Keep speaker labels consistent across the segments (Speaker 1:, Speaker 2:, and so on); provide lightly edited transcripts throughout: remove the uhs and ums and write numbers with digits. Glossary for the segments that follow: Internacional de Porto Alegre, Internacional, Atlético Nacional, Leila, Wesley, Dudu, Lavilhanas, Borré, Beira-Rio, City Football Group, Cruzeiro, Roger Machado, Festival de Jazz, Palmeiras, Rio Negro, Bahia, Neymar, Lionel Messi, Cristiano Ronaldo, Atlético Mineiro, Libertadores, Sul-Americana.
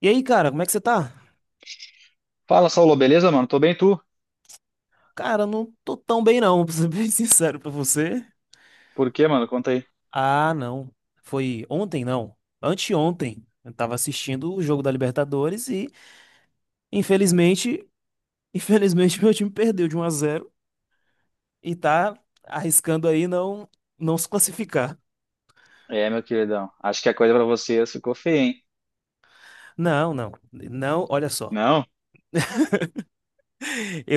Speaker 1: E aí, cara, como é que você tá?
Speaker 2: Fala, Saulo, beleza, mano? Tô bem, tu?
Speaker 1: Cara, eu não tô tão bem não, pra ser bem sincero pra você.
Speaker 2: Por quê, mano? Conta aí.
Speaker 1: Ah, não. Foi ontem, não. Anteontem. Eu tava assistindo o jogo da Libertadores e, infelizmente, infelizmente meu time perdeu de um a zero e tá arriscando aí não se classificar.
Speaker 2: É, meu queridão, acho que a coisa pra você ficou feia, hein?
Speaker 1: Não, não. Não, olha só.
Speaker 2: Não? O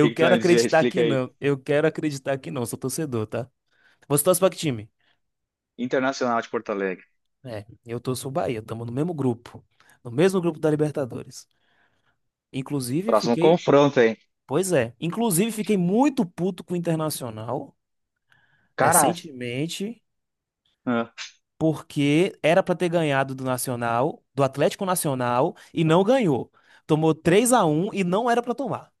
Speaker 2: que que tu
Speaker 1: quero
Speaker 2: vai me dizer?
Speaker 1: acreditar
Speaker 2: Explica
Speaker 1: que
Speaker 2: aí.
Speaker 1: não. Eu quero acreditar que não. Sou torcedor, tá? Você torce pra que time?
Speaker 2: Internacional de Porto Alegre.
Speaker 1: É, eu torço o Bahia. Tamo no mesmo grupo. No mesmo grupo da Libertadores. Inclusive,
Speaker 2: Próximo
Speaker 1: fiquei.
Speaker 2: confronto, hein?
Speaker 1: Pois é. Inclusive, fiquei muito puto com o Internacional
Speaker 2: Cara,
Speaker 1: recentemente,
Speaker 2: ah,
Speaker 1: porque era pra ter ganhado do Nacional, do Atlético Nacional, e não ganhou. Tomou 3 a um e não era pra tomar.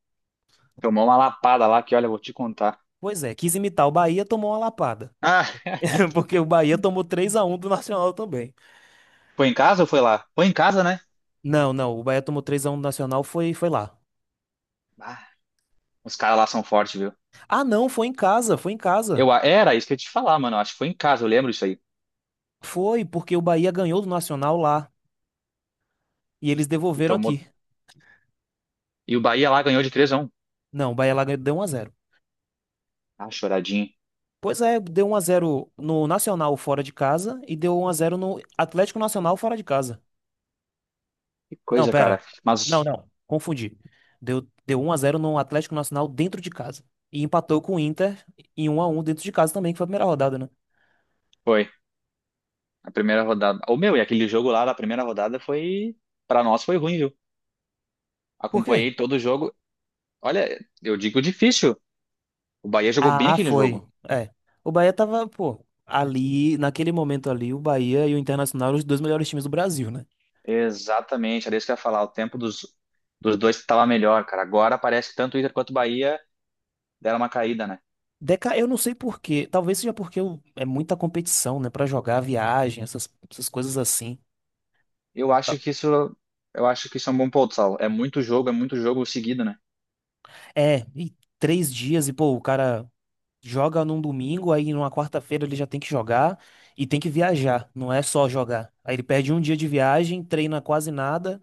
Speaker 2: tomou uma lapada lá que, olha, eu vou te contar.
Speaker 1: Pois é, quis imitar o Bahia, tomou uma lapada.
Speaker 2: Ah,
Speaker 1: Porque o Bahia tomou 3 a um do Nacional também.
Speaker 2: foi em casa ou foi lá? Foi em casa, né?
Speaker 1: Não, não, o Bahia tomou três a um do Nacional, foi lá.
Speaker 2: Ah, os caras lá são fortes, viu?
Speaker 1: Ah, não, foi em casa, foi em casa.
Speaker 2: Eu, era isso que eu ia te falar, mano. Acho que foi em casa, eu lembro isso aí.
Speaker 1: Foi, porque o Bahia ganhou do Nacional lá. E eles
Speaker 2: E
Speaker 1: devolveram
Speaker 2: tomou.
Speaker 1: aqui.
Speaker 2: E o Bahia lá ganhou de 3-1.
Speaker 1: Não, o Bahia lá ganhou, deu um a zero.
Speaker 2: Ah, choradinho.
Speaker 1: Pois é, deu um a zero no Nacional fora de casa e deu um a zero no Atlético Nacional fora de casa.
Speaker 2: Que
Speaker 1: Não,
Speaker 2: coisa, cara.
Speaker 1: pera. Não,
Speaker 2: Mas
Speaker 1: não. Confundi. Deu um a zero no Atlético Nacional dentro de casa. E empatou com o Inter em um a um dentro de casa também, que foi a primeira rodada, né?
Speaker 2: foi. A primeira rodada. Ô, meu, e aquele jogo lá da primeira rodada foi. Pra nós foi ruim, viu?
Speaker 1: Por quê?
Speaker 2: Acompanhei todo o jogo. Olha, eu digo difícil. O Bahia jogou bem
Speaker 1: Ah,
Speaker 2: aquele
Speaker 1: foi.
Speaker 2: jogo.
Speaker 1: É. O Bahia tava, pô, ali, naquele momento ali, o Bahia e o Internacional eram os dois melhores times do Brasil, né?
Speaker 2: Exatamente, era isso que eu ia falar. O tempo dos dois estava melhor, cara. Agora parece que tanto o Inter quanto o Bahia deram uma caída, né?
Speaker 1: Deca, eu não sei por quê. Talvez seja porque é muita competição, né? Pra jogar, viagem, essas coisas assim.
Speaker 2: Eu acho que isso. Eu acho que isso é um bom ponto, Saulo. É muito jogo seguido, né?
Speaker 1: É, e três dias, e pô, o cara joga num domingo, aí numa quarta-feira ele já tem que jogar e tem que viajar, não é só jogar. Aí ele perde um dia de viagem, treina quase nada,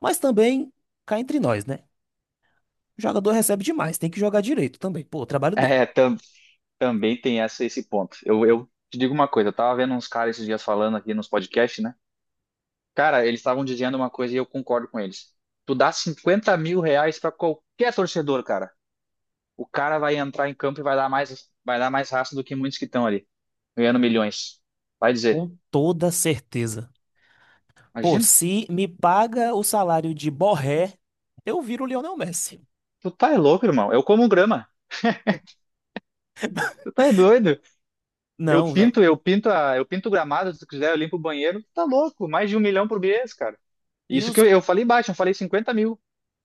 Speaker 1: mas também cá entre nós, né? O jogador recebe demais, tem que jogar direito também, pô, o trabalho dele.
Speaker 2: É, também tem essa, esse ponto. Eu te digo uma coisa, eu tava vendo uns caras esses dias falando aqui nos podcasts, né? Cara, eles estavam dizendo uma coisa e eu concordo com eles. Tu dá 50 mil reais pra qualquer torcedor, cara. O cara vai entrar em campo e vai dar mais raça do que muitos que estão ali, ganhando milhões. Vai dizer,
Speaker 1: Com toda certeza. Pô,
Speaker 2: imagina,
Speaker 1: se me paga o salário de Borré, eu viro o Lionel Messi.
Speaker 2: tu tá é louco, irmão. Eu como grama. Tu tá é doido. Eu
Speaker 1: Não,
Speaker 2: pinto, eu pinto a, eu pinto o gramado, se tu quiser, eu limpo o banheiro. Tu tá louco. Mais de um milhão por mês, cara.
Speaker 1: e
Speaker 2: Isso que
Speaker 1: os
Speaker 2: eu falei baixo, eu falei 50 mil.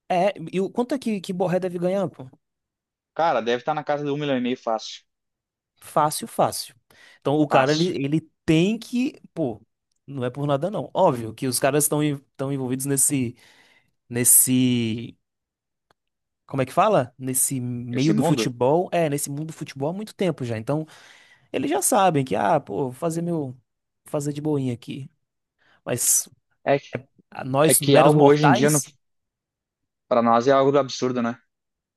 Speaker 1: é, e o quanto é que Borré deve ganhar, pô?
Speaker 2: Cara, deve estar na casa de um milhão e meio fácil.
Speaker 1: Fácil, fácil. Então o cara,
Speaker 2: Fácil.
Speaker 1: ele tem que, pô, não é por nada não. Óbvio que os caras estão envolvidos nesse, nesse, como é que fala? Nesse meio
Speaker 2: Esse
Speaker 1: do
Speaker 2: mundo
Speaker 1: futebol, é, nesse mundo do futebol há muito tempo já. Então eles já sabem que, ah, pô, vou fazer meu, vou fazer de boinha aqui. Mas
Speaker 2: é,
Speaker 1: a
Speaker 2: é
Speaker 1: nós,
Speaker 2: que
Speaker 1: meros
Speaker 2: algo hoje em dia,
Speaker 1: mortais,
Speaker 2: para nós, é algo absurdo, né?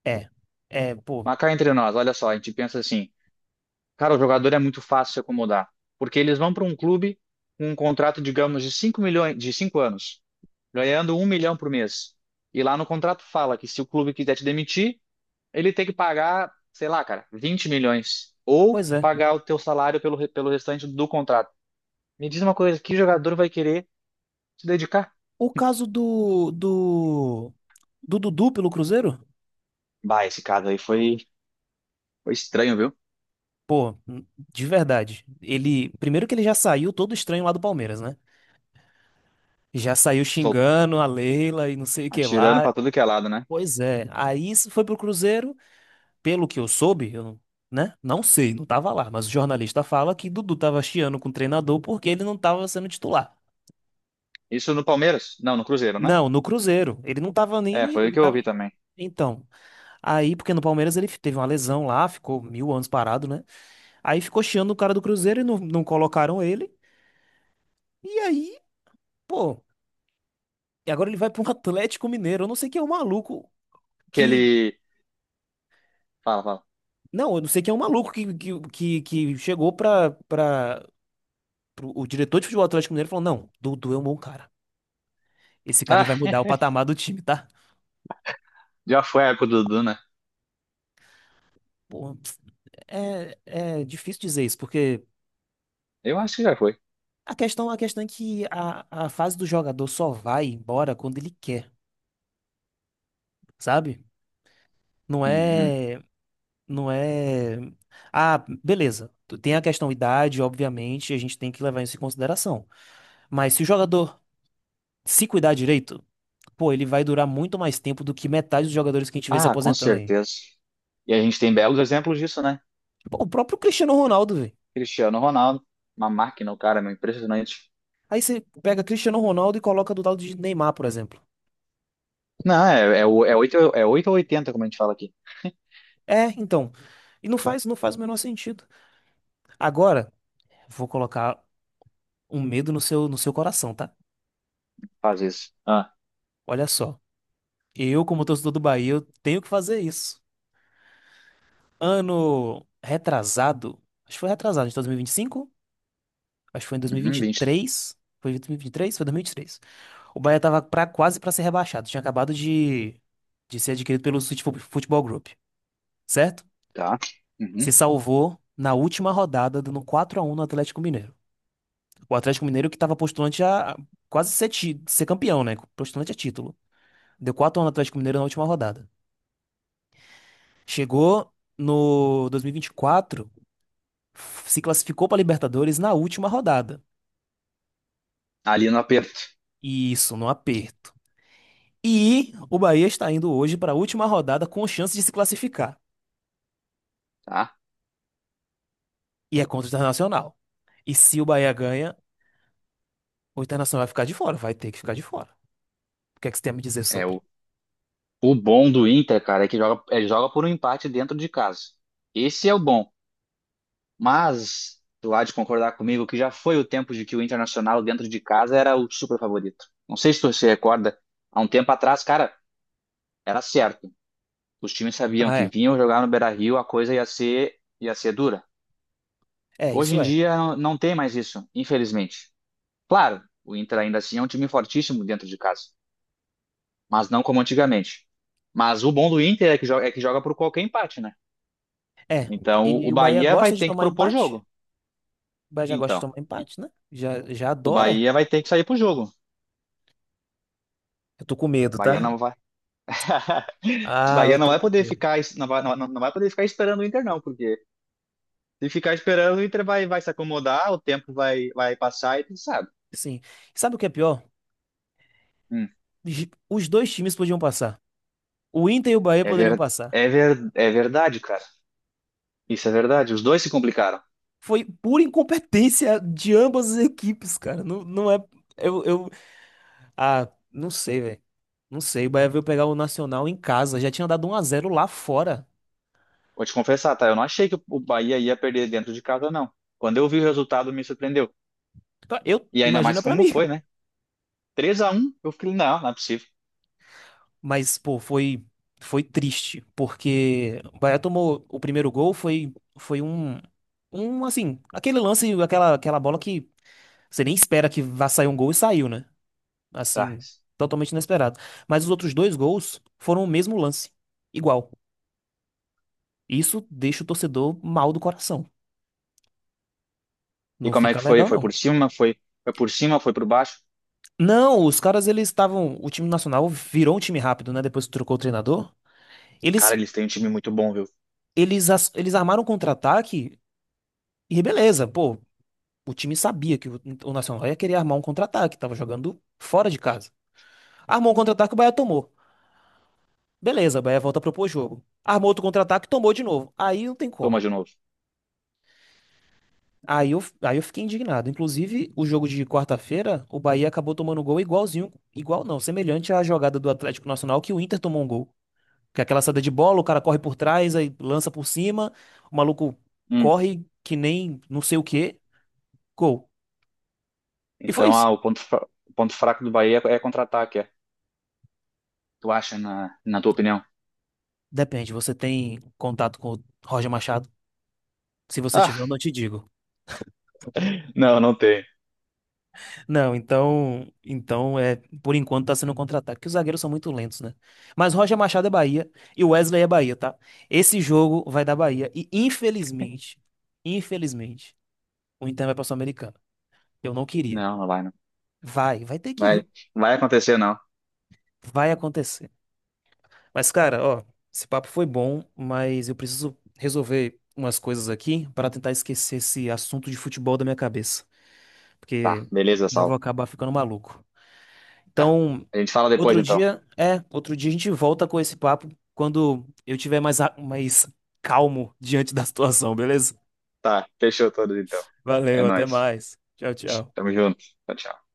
Speaker 1: é, é, pô,
Speaker 2: Mas cá entre nós, olha só, a gente pensa assim, cara, o jogador é muito fácil se acomodar, porque eles vão para um clube com um contrato, digamos, de 5 milhões, de 5 anos, ganhando um milhão por mês. E lá no contrato fala que se o clube quiser te demitir, ele tem que pagar, sei lá, cara, 20 milhões ou
Speaker 1: pois é.
Speaker 2: pagar o teu salário pelo restante do contrato. Me diz uma coisa, que jogador vai querer se dedicar?
Speaker 1: O caso do Dudu pelo Cruzeiro?
Speaker 2: Bah, esse caso aí foi estranho, viu?
Speaker 1: Pô, de verdade. Ele, primeiro que ele já saiu todo estranho lá do Palmeiras, né? Já saiu
Speaker 2: Sol-
Speaker 1: xingando a Leila e não sei o que
Speaker 2: Atirando
Speaker 1: lá.
Speaker 2: para tudo que é lado, né?
Speaker 1: Pois é. Aí isso foi pro Cruzeiro, pelo que eu soube, eu, não- né? Não sei, não tava lá, mas o jornalista fala que Dudu tava chiando com o treinador porque ele não tava sendo titular.
Speaker 2: Isso no Palmeiras? Não, no Cruzeiro, né?
Speaker 1: Não, no Cruzeiro. Ele não tava
Speaker 2: É,
Speaker 1: nem,
Speaker 2: foi o
Speaker 1: ele
Speaker 2: que eu
Speaker 1: tava.
Speaker 2: ouvi também.
Speaker 1: Então, aí, porque no Palmeiras ele teve uma lesão lá, ficou mil anos parado, né? Aí ficou chiando o cara do Cruzeiro e não colocaram ele. E aí, pô. E agora ele vai para um Atlético Mineiro. Eu não sei quem é o maluco
Speaker 2: Que
Speaker 1: que.
Speaker 2: ele. Fala, fala.
Speaker 1: Não, eu não sei quem é o maluco que chegou para o diretor de futebol do Atlético Mineiro e falou: Não, Dudu é um bom cara. Esse cara ele
Speaker 2: Ah,
Speaker 1: vai mudar o patamar do time, tá?
Speaker 2: já foi a época do Dudu, né?
Speaker 1: Pô, é, é difícil dizer isso, porque
Speaker 2: Eu acho que já foi.
Speaker 1: a questão é que a fase do jogador só vai embora quando ele quer, sabe? Não
Speaker 2: Uhum.
Speaker 1: é. Não é. Ah, beleza. Tem a questão idade, obviamente, a gente tem que levar isso em consideração. Mas se o jogador se cuidar direito, pô, ele vai durar muito mais tempo do que metade dos jogadores que a gente vê se
Speaker 2: Ah, com
Speaker 1: aposentando aí.
Speaker 2: certeza. E a gente tem belos exemplos disso, né?
Speaker 1: Pô, o próprio Cristiano Ronaldo, velho.
Speaker 2: Cristiano Ronaldo, uma máquina, o cara, meu, impressionante.
Speaker 1: Aí você pega Cristiano Ronaldo e coloca do lado de Neymar, por exemplo.
Speaker 2: Não, 8 é 8 ou 80, como a gente fala aqui.
Speaker 1: É, então. E não faz o menor sentido. Agora, vou colocar um medo no seu, no seu coração, tá?
Speaker 2: Faz isso. Ah,
Speaker 1: Olha só. Eu, como torcedor do Bahia, eu tenho que fazer isso. Ano retrasado, acho que foi retrasado, de 2025, acho que foi em
Speaker 2: uhum, 20,
Speaker 1: 2023, foi 2023, foi 2023. O Bahia tava pra, quase pra ser rebaixado. Tinha acabado de ser adquirido pelo City Futebol Group, certo?
Speaker 2: tá. Uhum.
Speaker 1: Se salvou na última rodada, dando quatro a um no Atlético Mineiro. O Atlético Mineiro que tava postulante a quase ser, ser campeão, né? Postulante a título. Deu quatro a um no Atlético Mineiro na última rodada. Chegou no 2024, se classificou pra Libertadores na última rodada.
Speaker 2: Ali no aperto,
Speaker 1: E isso, no aperto. E o Bahia está indo hoje para a última rodada com chance de se classificar.
Speaker 2: tá?
Speaker 1: E é contra o Internacional. E se o Bahia ganha, o Internacional vai ficar de fora, vai ter que ficar de fora. O que é que você tem a me dizer
Speaker 2: É o,
Speaker 1: sobre?
Speaker 2: o bom do Inter, cara, é que joga, joga por um empate dentro de casa. Esse é o bom. Mas tu há de concordar comigo que já foi o tempo de que o Internacional dentro de casa era o super favorito. Não sei se tu se recorda, há um tempo atrás, cara, era certo. Os times sabiam
Speaker 1: Ah,
Speaker 2: que
Speaker 1: é.
Speaker 2: vinham jogar no Beira-Rio, a coisa ia ser dura.
Speaker 1: É,
Speaker 2: Hoje
Speaker 1: isso
Speaker 2: em
Speaker 1: é.
Speaker 2: dia não tem mais isso, infelizmente. Claro, o Inter ainda assim é um time fortíssimo dentro de casa, mas não como antigamente. Mas o bom do Inter é que joga, por qualquer empate, né?
Speaker 1: É.
Speaker 2: Então o
Speaker 1: E o Bahia
Speaker 2: Bahia vai
Speaker 1: gosta de
Speaker 2: ter que
Speaker 1: tomar
Speaker 2: propor
Speaker 1: empate?
Speaker 2: jogo.
Speaker 1: O Bahia já gosta de
Speaker 2: Então,
Speaker 1: tomar empate, né? Já, já
Speaker 2: o
Speaker 1: adora.
Speaker 2: Bahia vai ter que sair pro jogo. O
Speaker 1: Eu tô com medo,
Speaker 2: Bahia
Speaker 1: tá?
Speaker 2: não vai
Speaker 1: Ah, eu
Speaker 2: Bahia não
Speaker 1: tô
Speaker 2: vai
Speaker 1: com
Speaker 2: poder
Speaker 1: medo.
Speaker 2: ficar, não vai, não, não vai poder ficar esperando o Inter, não, porque se ficar esperando, o Inter vai se acomodar, o tempo vai passar e tu sabe.
Speaker 1: Sim. E sabe o que é pior?
Speaker 2: Hum,
Speaker 1: Gi- Os dois times podiam passar. O Inter e o Bahia
Speaker 2: é
Speaker 1: poderiam
Speaker 2: ver,
Speaker 1: passar.
Speaker 2: é verdade, cara. Isso é verdade. Os dois se complicaram.
Speaker 1: Foi pura incompetência de ambas as equipes, cara. Não, não é. Eu, eu. Ah, não sei, velho. Não sei. O Bahia veio pegar o Nacional em casa. Já tinha dado um a zero lá fora.
Speaker 2: Vou te confessar, tá? Eu não achei que o Bahia ia perder dentro de casa, não. Quando eu vi o resultado, me surpreendeu.
Speaker 1: Pra- Eu,
Speaker 2: E ainda mais
Speaker 1: imagina pra
Speaker 2: como
Speaker 1: mim.
Speaker 2: foi, né? 3-1, eu falei, não, não é possível.
Speaker 1: Mas, pô, foi. Foi triste. Porque o Bahia tomou o primeiro gol. Foi. Foi um. Um, assim. Aquele lance, aquela bola que você nem espera que vá sair um gol e saiu, né?
Speaker 2: Tá.
Speaker 1: Assim. Totalmente inesperado. Mas os outros dois gols foram o mesmo lance. Igual. Isso deixa o torcedor mal do coração.
Speaker 2: E
Speaker 1: Não
Speaker 2: como é
Speaker 1: fica
Speaker 2: que foi?
Speaker 1: legal,
Speaker 2: Foi
Speaker 1: não.
Speaker 2: por cima, foi por cima, foi por baixo.
Speaker 1: Não, os caras, eles estavam. O time nacional virou um time rápido, né? Depois que trocou o treinador.
Speaker 2: Cara,
Speaker 1: Eles,
Speaker 2: eles têm um time muito bom, viu?
Speaker 1: eles armaram um contra-ataque e beleza, pô. O time sabia que o Nacional ia querer armar um contra-ataque, tava jogando fora de casa. Armou um contra-ataque, o Bahia tomou. Beleza, o Bahia volta a propor jogo. Armou outro contra-ataque, tomou de novo. Aí não tem
Speaker 2: Toma
Speaker 1: como.
Speaker 2: de novo.
Speaker 1: Aí eu fiquei indignado. Inclusive, o jogo de quarta-feira, o Bahia acabou tomando um gol igualzinho, igual não, semelhante à jogada do Atlético Nacional que o Inter tomou um gol. Que é aquela saída de bola, o cara corre por trás, aí lança por cima, o maluco
Speaker 2: Hum.
Speaker 1: corre que nem não sei o quê, gol. E foi
Speaker 2: Então,
Speaker 1: isso.
Speaker 2: ah, o ponto, o ponto fraco do Bahia é contra-ataque, é. Tu acha, na tua opinião?
Speaker 1: Depende, você tem contato com o Roger Machado? Se você tiver,
Speaker 2: Ah,
Speaker 1: eu não te digo.
Speaker 2: não, não tem.
Speaker 1: Não, então é, por enquanto tá sendo um contra-ataque, porque os zagueiros são muito lentos, né? Mas Roger Machado é Bahia e o Wesley é Bahia, tá? Esse jogo vai dar Bahia e infelizmente, infelizmente, o Inter vai pra Sul-Americana. Eu não queria.
Speaker 2: Não, não vai, não.
Speaker 1: Vai, vai ter que
Speaker 2: Vai,
Speaker 1: ir,
Speaker 2: vai acontecer, não.
Speaker 1: vai acontecer. Mas cara, ó, esse papo foi bom, mas eu preciso resolver umas coisas aqui para tentar esquecer esse assunto de futebol da minha cabeça,
Speaker 2: Tá,
Speaker 1: porque
Speaker 2: beleza,
Speaker 1: não vou
Speaker 2: Saulo.
Speaker 1: acabar ficando maluco.
Speaker 2: Tá.
Speaker 1: Então,
Speaker 2: A gente fala depois,
Speaker 1: outro
Speaker 2: então.
Speaker 1: dia, é, outro dia a gente volta com esse papo quando eu tiver mais, mais calmo diante da situação, beleza?
Speaker 2: Tá, fechou todos, então. É
Speaker 1: Valeu, até
Speaker 2: nóis.
Speaker 1: mais. Tchau, tchau.
Speaker 2: Tamo junto. Tchau, tchau.